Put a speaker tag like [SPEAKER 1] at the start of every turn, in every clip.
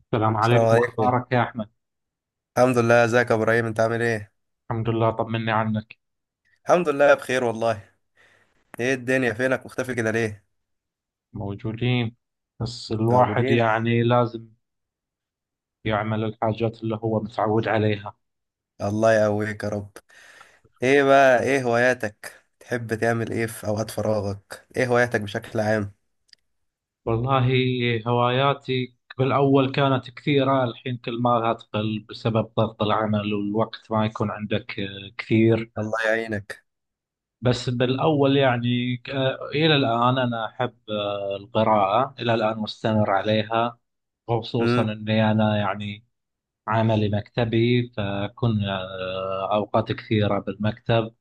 [SPEAKER 1] السلام
[SPEAKER 2] السلام
[SPEAKER 1] عليكم،
[SPEAKER 2] عليكم.
[SPEAKER 1] أخبارك يا أحمد؟
[SPEAKER 2] الحمد لله، ازيك يا ابراهيم؟ انت عامل ايه؟
[SPEAKER 1] الحمد لله، طمني عنك.
[SPEAKER 2] الحمد لله بخير والله. ايه الدنيا، فينك مختفي كده ليه؟
[SPEAKER 1] موجودين، بس الواحد
[SPEAKER 2] موجودين.
[SPEAKER 1] يعني لازم يعمل الحاجات اللي هو متعود عليها.
[SPEAKER 2] الله يقويك يا رب. ايه بقى، ايه هواياتك؟ تحب تعمل ايه في اوقات فراغك؟ ايه هواياتك بشكل عام؟
[SPEAKER 1] والله، هواياتي بالأول كانت كثيرة، الحين كل ما لها تقل بسبب ضغط العمل والوقت ما يكون عندك كثير.
[SPEAKER 2] الله يعينك.
[SPEAKER 1] بس بالأول يعني، إلى الآن أنا أحب القراءة، إلى الآن مستمر عليها. خصوصا
[SPEAKER 2] امم
[SPEAKER 1] اني انا يعني عملي مكتبي، فكنا أوقات كثيرة بالمكتب.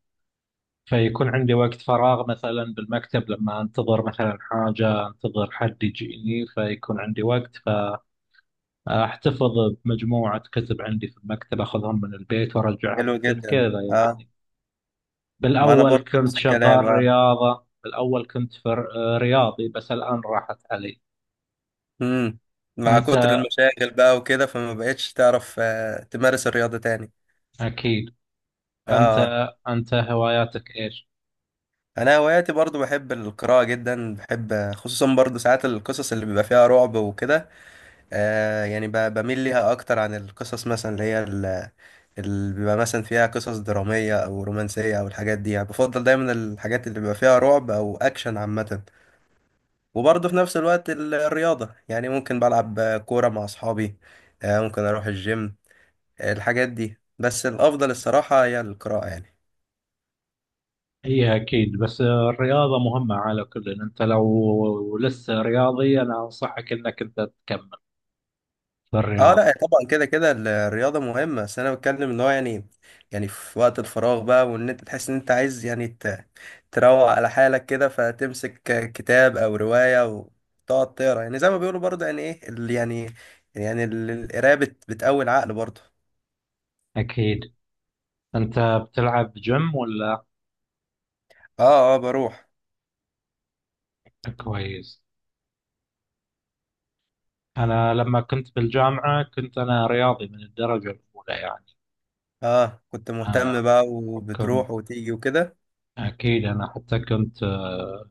[SPEAKER 1] فيكون عندي وقت فراغ مثلا بالمكتب، لما أنتظر مثلا حاجة، أنتظر حد يجيني فيكون عندي وقت. فأحتفظ بمجموعة كتب عندي في المكتب، أخذهم من البيت وأرجعهم
[SPEAKER 2] حلو
[SPEAKER 1] من البيت
[SPEAKER 2] جدا.
[SPEAKER 1] كذا
[SPEAKER 2] اه،
[SPEAKER 1] يعني.
[SPEAKER 2] ما انا
[SPEAKER 1] بالأول
[SPEAKER 2] برضه
[SPEAKER 1] كنت
[SPEAKER 2] نفس
[SPEAKER 1] شغال
[SPEAKER 2] الكلام، اه.
[SPEAKER 1] رياضة، بالأول كنت في رياضي، بس الآن راحت علي.
[SPEAKER 2] امم مع كتر
[SPEAKER 1] أنت
[SPEAKER 2] المشاغل بقى وكده، فما بقتش تعرف تمارس الرياضة تاني.
[SPEAKER 1] أكيد. أنت
[SPEAKER 2] اه،
[SPEAKER 1] أنت هواياتك إيش؟
[SPEAKER 2] انا هواياتي برضو بحب القراءه جدا، بحب خصوصا برضو ساعات القصص اللي بيبقى فيها رعب وكده. آه يعني بميل ليها اكتر عن القصص مثلا اللي هي اللي بيبقى مثلا فيها قصص دراميه او رومانسيه او الحاجات دي، يعني بفضل دايما الحاجات اللي بيبقى فيها رعب او اكشن عامه. وبرضو في نفس الوقت الرياضه، يعني ممكن بلعب كوره مع اصحابي. آه ممكن اروح الجيم، الحاجات دي، بس الافضل الصراحه هي القراءه يعني.
[SPEAKER 1] هي أكيد، بس الرياضة مهمة على كل، إن أنت لو لسه رياضي أنا أنصحك إنك أنت تكمل في
[SPEAKER 2] اه لا
[SPEAKER 1] الرياضة.
[SPEAKER 2] طبعا، كده كده الرياضة مهمة، بس انا بتكلم ان هو يعني، يعني في وقت الفراغ بقى وان انت تحس ان انت عايز يعني تروق على حالك كده، فتمسك كتاب او رواية وتقعد تقرا، يعني زي ما بيقولوا برضه يعني ايه يعني القراية بتقوي العقل برضه.
[SPEAKER 1] أكيد. أنت بتلعب جيم ولا؟
[SPEAKER 2] اه اه بروح.
[SPEAKER 1] كويس. أنا لما كنت بالجامعة كنت أنا رياضي من الدرجة الأولى يعني.
[SPEAKER 2] اه كنت مهتم
[SPEAKER 1] أنا
[SPEAKER 2] بقى
[SPEAKER 1] كنت
[SPEAKER 2] وبتروح وتيجي وكده.
[SPEAKER 1] أكيد أنا حتى كنت،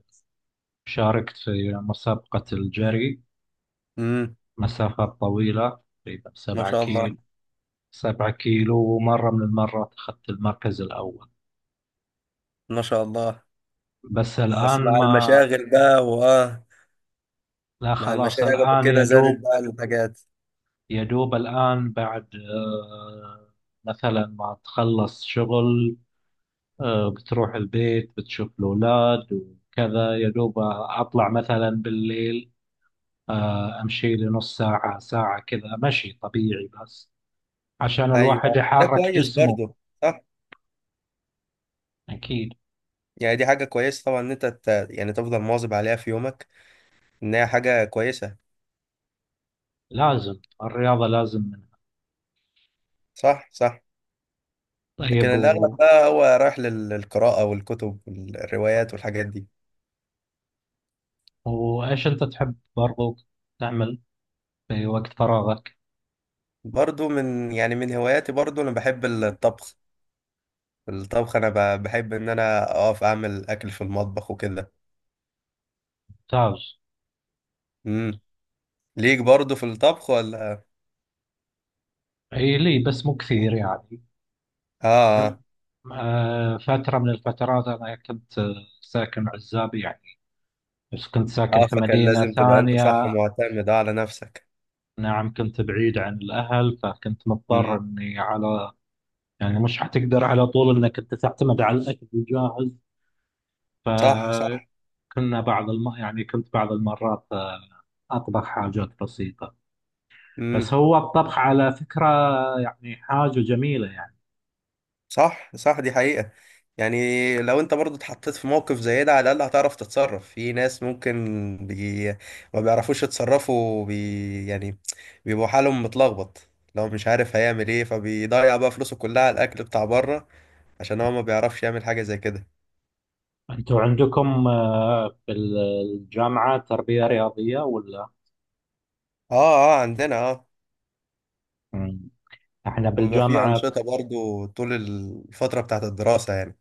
[SPEAKER 1] شاركت في مسابقة الجري
[SPEAKER 2] امم
[SPEAKER 1] مسافات طويلة، تقريبا
[SPEAKER 2] ما
[SPEAKER 1] سبعة
[SPEAKER 2] شاء الله.
[SPEAKER 1] كيلو سبعة كيلو، ومرة من المرات أخذت المركز الأول.
[SPEAKER 2] ما شاء الله.
[SPEAKER 1] بس الآن
[SPEAKER 2] بس مع
[SPEAKER 1] ما.
[SPEAKER 2] المشاغل بقى، واه.
[SPEAKER 1] لا
[SPEAKER 2] مع
[SPEAKER 1] خلاص،
[SPEAKER 2] المشاغل
[SPEAKER 1] الآن
[SPEAKER 2] وكده زادت
[SPEAKER 1] يدوب.
[SPEAKER 2] بقى الحاجات.
[SPEAKER 1] يدوب الآن بعد مثلا ما تخلص شغل، بتروح البيت بتشوف الأولاد وكذا، يدوب أطلع مثلا بالليل، أمشي لي نص ساعة ساعة كذا، مشي طبيعي بس عشان الواحد
[SPEAKER 2] ايوه ده
[SPEAKER 1] يحرك
[SPEAKER 2] كويس
[SPEAKER 1] جسمه.
[SPEAKER 2] برضه. صح.
[SPEAKER 1] أكيد،
[SPEAKER 2] يعني دي حاجة كويسة طبعا ان انت يعني تفضل مواظب عليها في يومك، ان هي حاجة كويسة.
[SPEAKER 1] لازم الرياضة، لازم منها.
[SPEAKER 2] صح صح. لكن
[SPEAKER 1] طيب،
[SPEAKER 2] الاغلب بقى هو رايح للقراءة والكتب والروايات والحاجات دي.
[SPEAKER 1] وإيش أنت تحب برضو تعمل في وقت فراغك؟
[SPEAKER 2] برضه من يعني من هواياتي برضه انا بحب الطبخ. الطبخ انا بحب ان انا اقف اعمل اكل في المطبخ وكده.
[SPEAKER 1] تاج.
[SPEAKER 2] امم ليك برضه في الطبخ ولا؟
[SPEAKER 1] إي لي بس مو كثير يعني.
[SPEAKER 2] اه. اه.
[SPEAKER 1] فترة من الفترات أنا كنت ساكن عزاب يعني، بس كنت ساكن في
[SPEAKER 2] فكان
[SPEAKER 1] مدينة
[SPEAKER 2] لازم تبقى انت صح
[SPEAKER 1] ثانية.
[SPEAKER 2] معتمد على نفسك.
[SPEAKER 1] نعم، كنت بعيد عن الأهل فكنت مضطر
[SPEAKER 2] امم
[SPEAKER 1] إني على. يعني مش حتقدر على طول إنك أنت تعتمد على الأكل الجاهز.
[SPEAKER 2] صح صح.
[SPEAKER 1] فكنا يعني كنت بعض المرات أطبخ حاجات بسيطة. بس
[SPEAKER 2] امم
[SPEAKER 1] هو الطبخ على فكرة يعني حاجة جميلة يعني.
[SPEAKER 2] صح صح دي حقيقة. يعني لو انت برضو اتحطيت في موقف زي ده، على الأقل هتعرف تتصرف في ناس ممكن بي... ما بيعرفوش يتصرفوا يعني بيبقوا حالهم متلخبط. لو مش عارف هيعمل ايه فبيضيع بقى فلوسه كلها على الأكل بتاع بره، عشان هو ما بيعرفش يعمل حاجة زي كده.
[SPEAKER 1] انتوا عندكم بالجامعة تربية رياضية ولا؟
[SPEAKER 2] اه، اه عندنا اه.
[SPEAKER 1] مم. احنا
[SPEAKER 2] وبيبقى في
[SPEAKER 1] بالجامعة
[SPEAKER 2] أنشطة برضو طول الفترة بتاعت الدراسة يعني.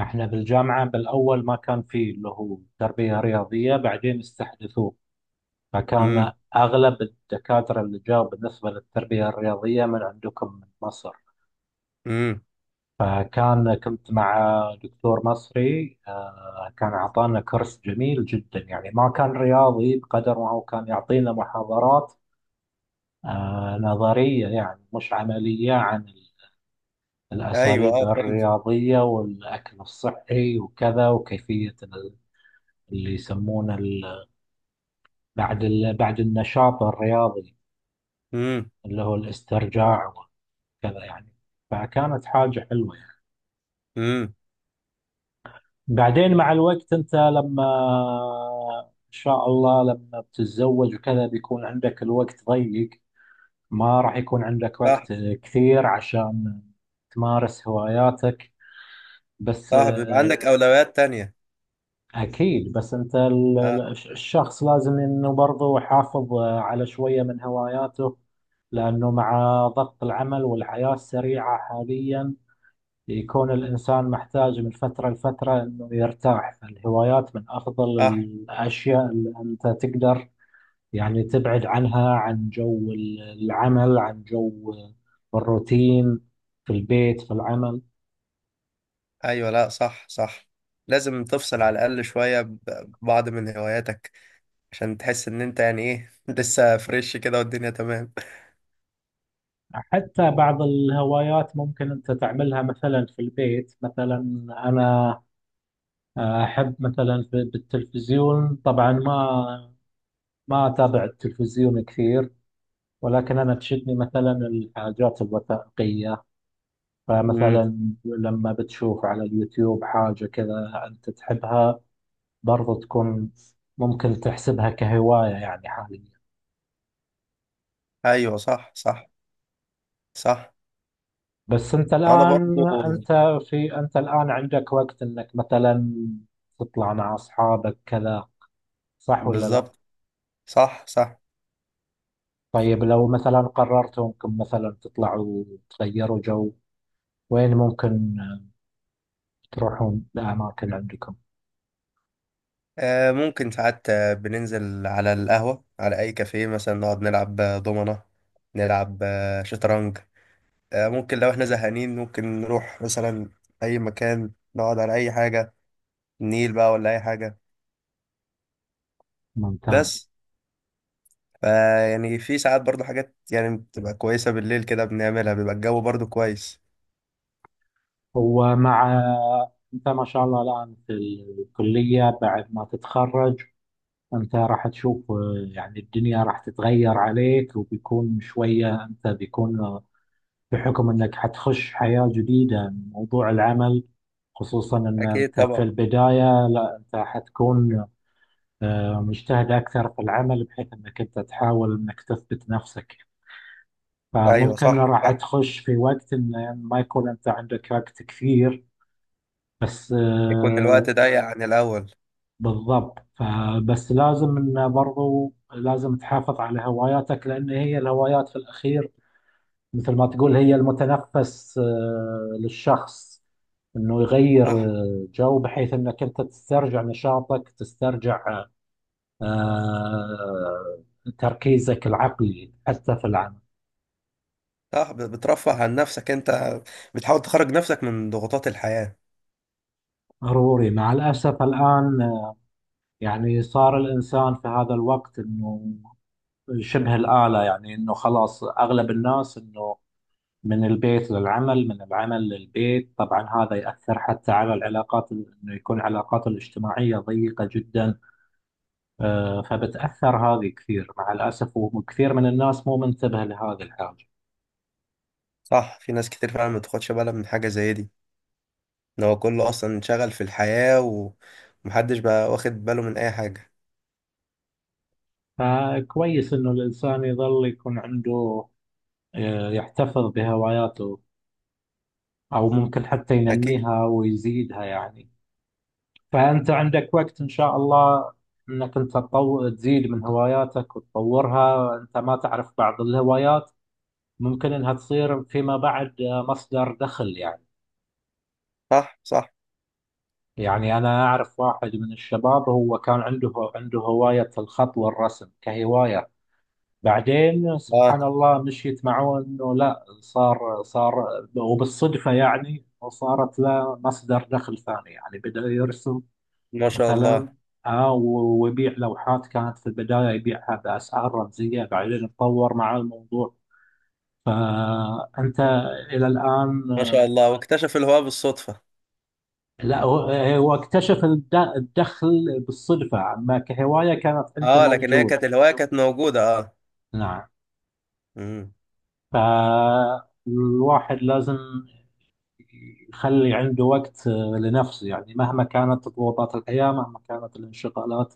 [SPEAKER 1] احنا بالجامعة بالاول ما كان في اللي هو تربية رياضية، بعدين استحدثوه. فكان
[SPEAKER 2] امم
[SPEAKER 1] اغلب الدكاترة اللي جاوا بالنسبة للتربية الرياضية من عندكم من مصر.
[SPEAKER 2] امم
[SPEAKER 1] كنت مع دكتور مصري، كان أعطانا كورس جميل جدا يعني، ما كان رياضي بقدر ما هو كان يعطينا محاضرات نظرية يعني، مش عملية عن
[SPEAKER 2] ايوه
[SPEAKER 1] الأساليب
[SPEAKER 2] اه فهمت.
[SPEAKER 1] الرياضية والأكل الصحي وكذا، وكيفية اللي يسمونه بعد النشاط الرياضي
[SPEAKER 2] امم
[SPEAKER 1] اللي هو الاسترجاع وكذا يعني، فكانت حاجة حلوة يعني.
[SPEAKER 2] امم
[SPEAKER 1] بعدين مع الوقت، أنت لما إن شاء الله لما بتتزوج وكذا بيكون عندك الوقت ضيق، ما راح يكون عندك
[SPEAKER 2] صح
[SPEAKER 1] وقت كثير عشان تمارس هواياتك، بس.
[SPEAKER 2] صح بيبقى عندك أولويات تانية.
[SPEAKER 1] أكيد، بس أنت
[SPEAKER 2] اه
[SPEAKER 1] الشخص لازم إنه برضه يحافظ على شوية من هواياته، لأنه مع ضغط العمل والحياة السريعة حاليا يكون الإنسان محتاج من فترة لفترة إنه يرتاح. فالهوايات من أفضل
[SPEAKER 2] صح.
[SPEAKER 1] الأشياء اللي أنت تقدر يعني تبعد عنها، عن جو العمل، عن جو الروتين في البيت، في العمل.
[SPEAKER 2] ايوه لا صح صح. لازم تفصل على الاقل شويه ببعض من هواياتك عشان تحس ان انت يعني ايه لسه فريش كده والدنيا تمام.
[SPEAKER 1] حتى بعض الهوايات ممكن أنت تعملها مثلا في البيت. مثلا أنا أحب مثلا بالتلفزيون، طبعا ما أتابع التلفزيون كثير، ولكن أنا تشدني مثلا الحاجات الوثائقية.
[SPEAKER 2] امم
[SPEAKER 1] فمثلا لما بتشوف على اليوتيوب حاجة كذا أنت تحبها برضو، تكون ممكن تحسبها كهواية يعني حاليا.
[SPEAKER 2] ايوه صح صح. صح.
[SPEAKER 1] بس أنت
[SPEAKER 2] وانا برضو.
[SPEAKER 1] الآن عندك وقت إنك مثلا تطلع مع أصحابك كذا، صح ولا لا؟
[SPEAKER 2] بالظبط. صح صح.
[SPEAKER 1] طيب، لو مثلا قررتوا إنكم مثلا تطلعوا تغيروا جو، وين ممكن تروحون لأماكن عندكم؟
[SPEAKER 2] آه ممكن ساعات، بننزل على القهوه، على اي كافيه مثلا، نقعد نلعب دومنه، نلعب شطرنج. آه ممكن لو احنا زهقانين ممكن نروح مثلا اي مكان نقعد على اي حاجه، النيل بقى ولا اي حاجه.
[SPEAKER 1] ممتاز.
[SPEAKER 2] بس فيعني في ساعات برضو حاجات يعني بتبقى كويسة بالليل كده بنعملها، بيبقى الجو برضو كويس.
[SPEAKER 1] ومع أنت ما شاء الله الآن في الكلية، بعد ما تتخرج أنت راح تشوف يعني الدنيا راح تتغير عليك، وبيكون شوية أنت بيكون بحكم انك حتخش حياة جديدة موضوع العمل، خصوصا ان
[SPEAKER 2] أكيد
[SPEAKER 1] انت في
[SPEAKER 2] طبعا.
[SPEAKER 1] البداية، لا انت حتكون مجتهد اكثر في العمل بحيث انك انت تحاول انك تثبت نفسك،
[SPEAKER 2] أيوة
[SPEAKER 1] فممكن
[SPEAKER 2] صح
[SPEAKER 1] راح
[SPEAKER 2] صح.
[SPEAKER 1] تخش في وقت ان ما يكون انت عندك وقت كثير. بس
[SPEAKER 2] يكون الوقت ضيق عن الأول.
[SPEAKER 1] بالضبط، فبس لازم ان برضو لازم تحافظ على هواياتك، لان هي الهوايات في الاخير مثل ما تقول هي المتنفس للشخص، انه يغير
[SPEAKER 2] صح
[SPEAKER 1] جو بحيث انك انت تسترجع نشاطك، تسترجع آه، تركيزك العقلي حتى في العمل.
[SPEAKER 2] صح بترفه عن نفسك أنت، بتحاول تخرج نفسك من ضغوطات الحياة.
[SPEAKER 1] ضروري، مع الاسف الان يعني صار الانسان في هذا الوقت انه شبه الاله يعني، انه خلاص اغلب الناس انه من البيت للعمل، من العمل للبيت، طبعا هذا يأثر حتى على العلاقات، انه يكون علاقاته الاجتماعية ضيقة جدا. فبتأثر هذه كثير مع الأسف، وكثير من الناس مو منتبه لهذه الحاجة.
[SPEAKER 2] صح في ناس كتير فعلا ما بتاخدش بالها من حاجة زي دي، إن هو كله أصلا انشغل في الحياة، ومحدش بقى واخد باله من أي حاجة.
[SPEAKER 1] فكويس إنه الإنسان يظل يكون عنده يحتفظ بهواياته، أو ممكن حتى
[SPEAKER 2] أكيد.
[SPEAKER 1] ينميها ويزيدها يعني. فأنت عندك وقت إن شاء الله إنك أنت تزيد من هواياتك وتطورها. أنت ما تعرف بعض الهوايات ممكن إنها تصير فيما بعد مصدر دخل يعني.
[SPEAKER 2] صح صح.
[SPEAKER 1] يعني أنا أعرف واحد من الشباب، هو كان عنده هواية الخط والرسم كهواية، بعدين سبحان
[SPEAKER 2] آه
[SPEAKER 1] الله مشيت معه إنه لا صار، وبالصدفة يعني وصارت له مصدر دخل ثاني يعني، بدأ يرسم
[SPEAKER 2] ما شاء
[SPEAKER 1] مثلا،
[SPEAKER 2] الله.
[SPEAKER 1] ويبيع لوحات، كانت في البداية يبيعها بأسعار رمزية، بعدين اتطور مع الموضوع. فأنت إلى الآن.
[SPEAKER 2] ما شاء الله واكتشف الهواء بالصدفة.
[SPEAKER 1] لا، هو اكتشف الدخل بالصدفة، أما كهواية كانت عنده
[SPEAKER 2] اه لكن هي
[SPEAKER 1] موجود.
[SPEAKER 2] كانت الهواية كانت موجودة اه.
[SPEAKER 1] نعم.
[SPEAKER 2] مم.
[SPEAKER 1] فالواحد لازم يخلي عنده وقت لنفسه يعني، مهما كانت ضغوطات الحياة، مهما كانت الانشغالات،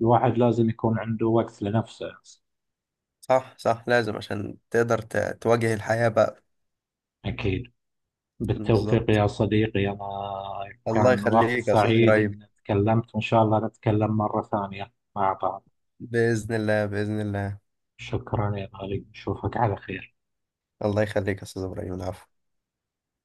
[SPEAKER 1] الواحد لازم يكون عنده وقت لنفسه.
[SPEAKER 2] صح صح لازم عشان تقدر تواجه الحياة بقى.
[SPEAKER 1] أكيد. بالتوفيق
[SPEAKER 2] بالظبط.
[SPEAKER 1] يا صديقي، أنا
[SPEAKER 2] الله
[SPEAKER 1] كان وقت
[SPEAKER 2] يخليك يا أستاذ
[SPEAKER 1] سعيد
[SPEAKER 2] إبراهيم.
[SPEAKER 1] إن تكلمت، وإن شاء الله نتكلم مرة ثانية مع بعض.
[SPEAKER 2] بإذن الله بإذن الله.
[SPEAKER 1] شكرا يا غالي، نشوفك على خير.
[SPEAKER 2] الله يخليك يا أستاذ إبراهيم، العفو.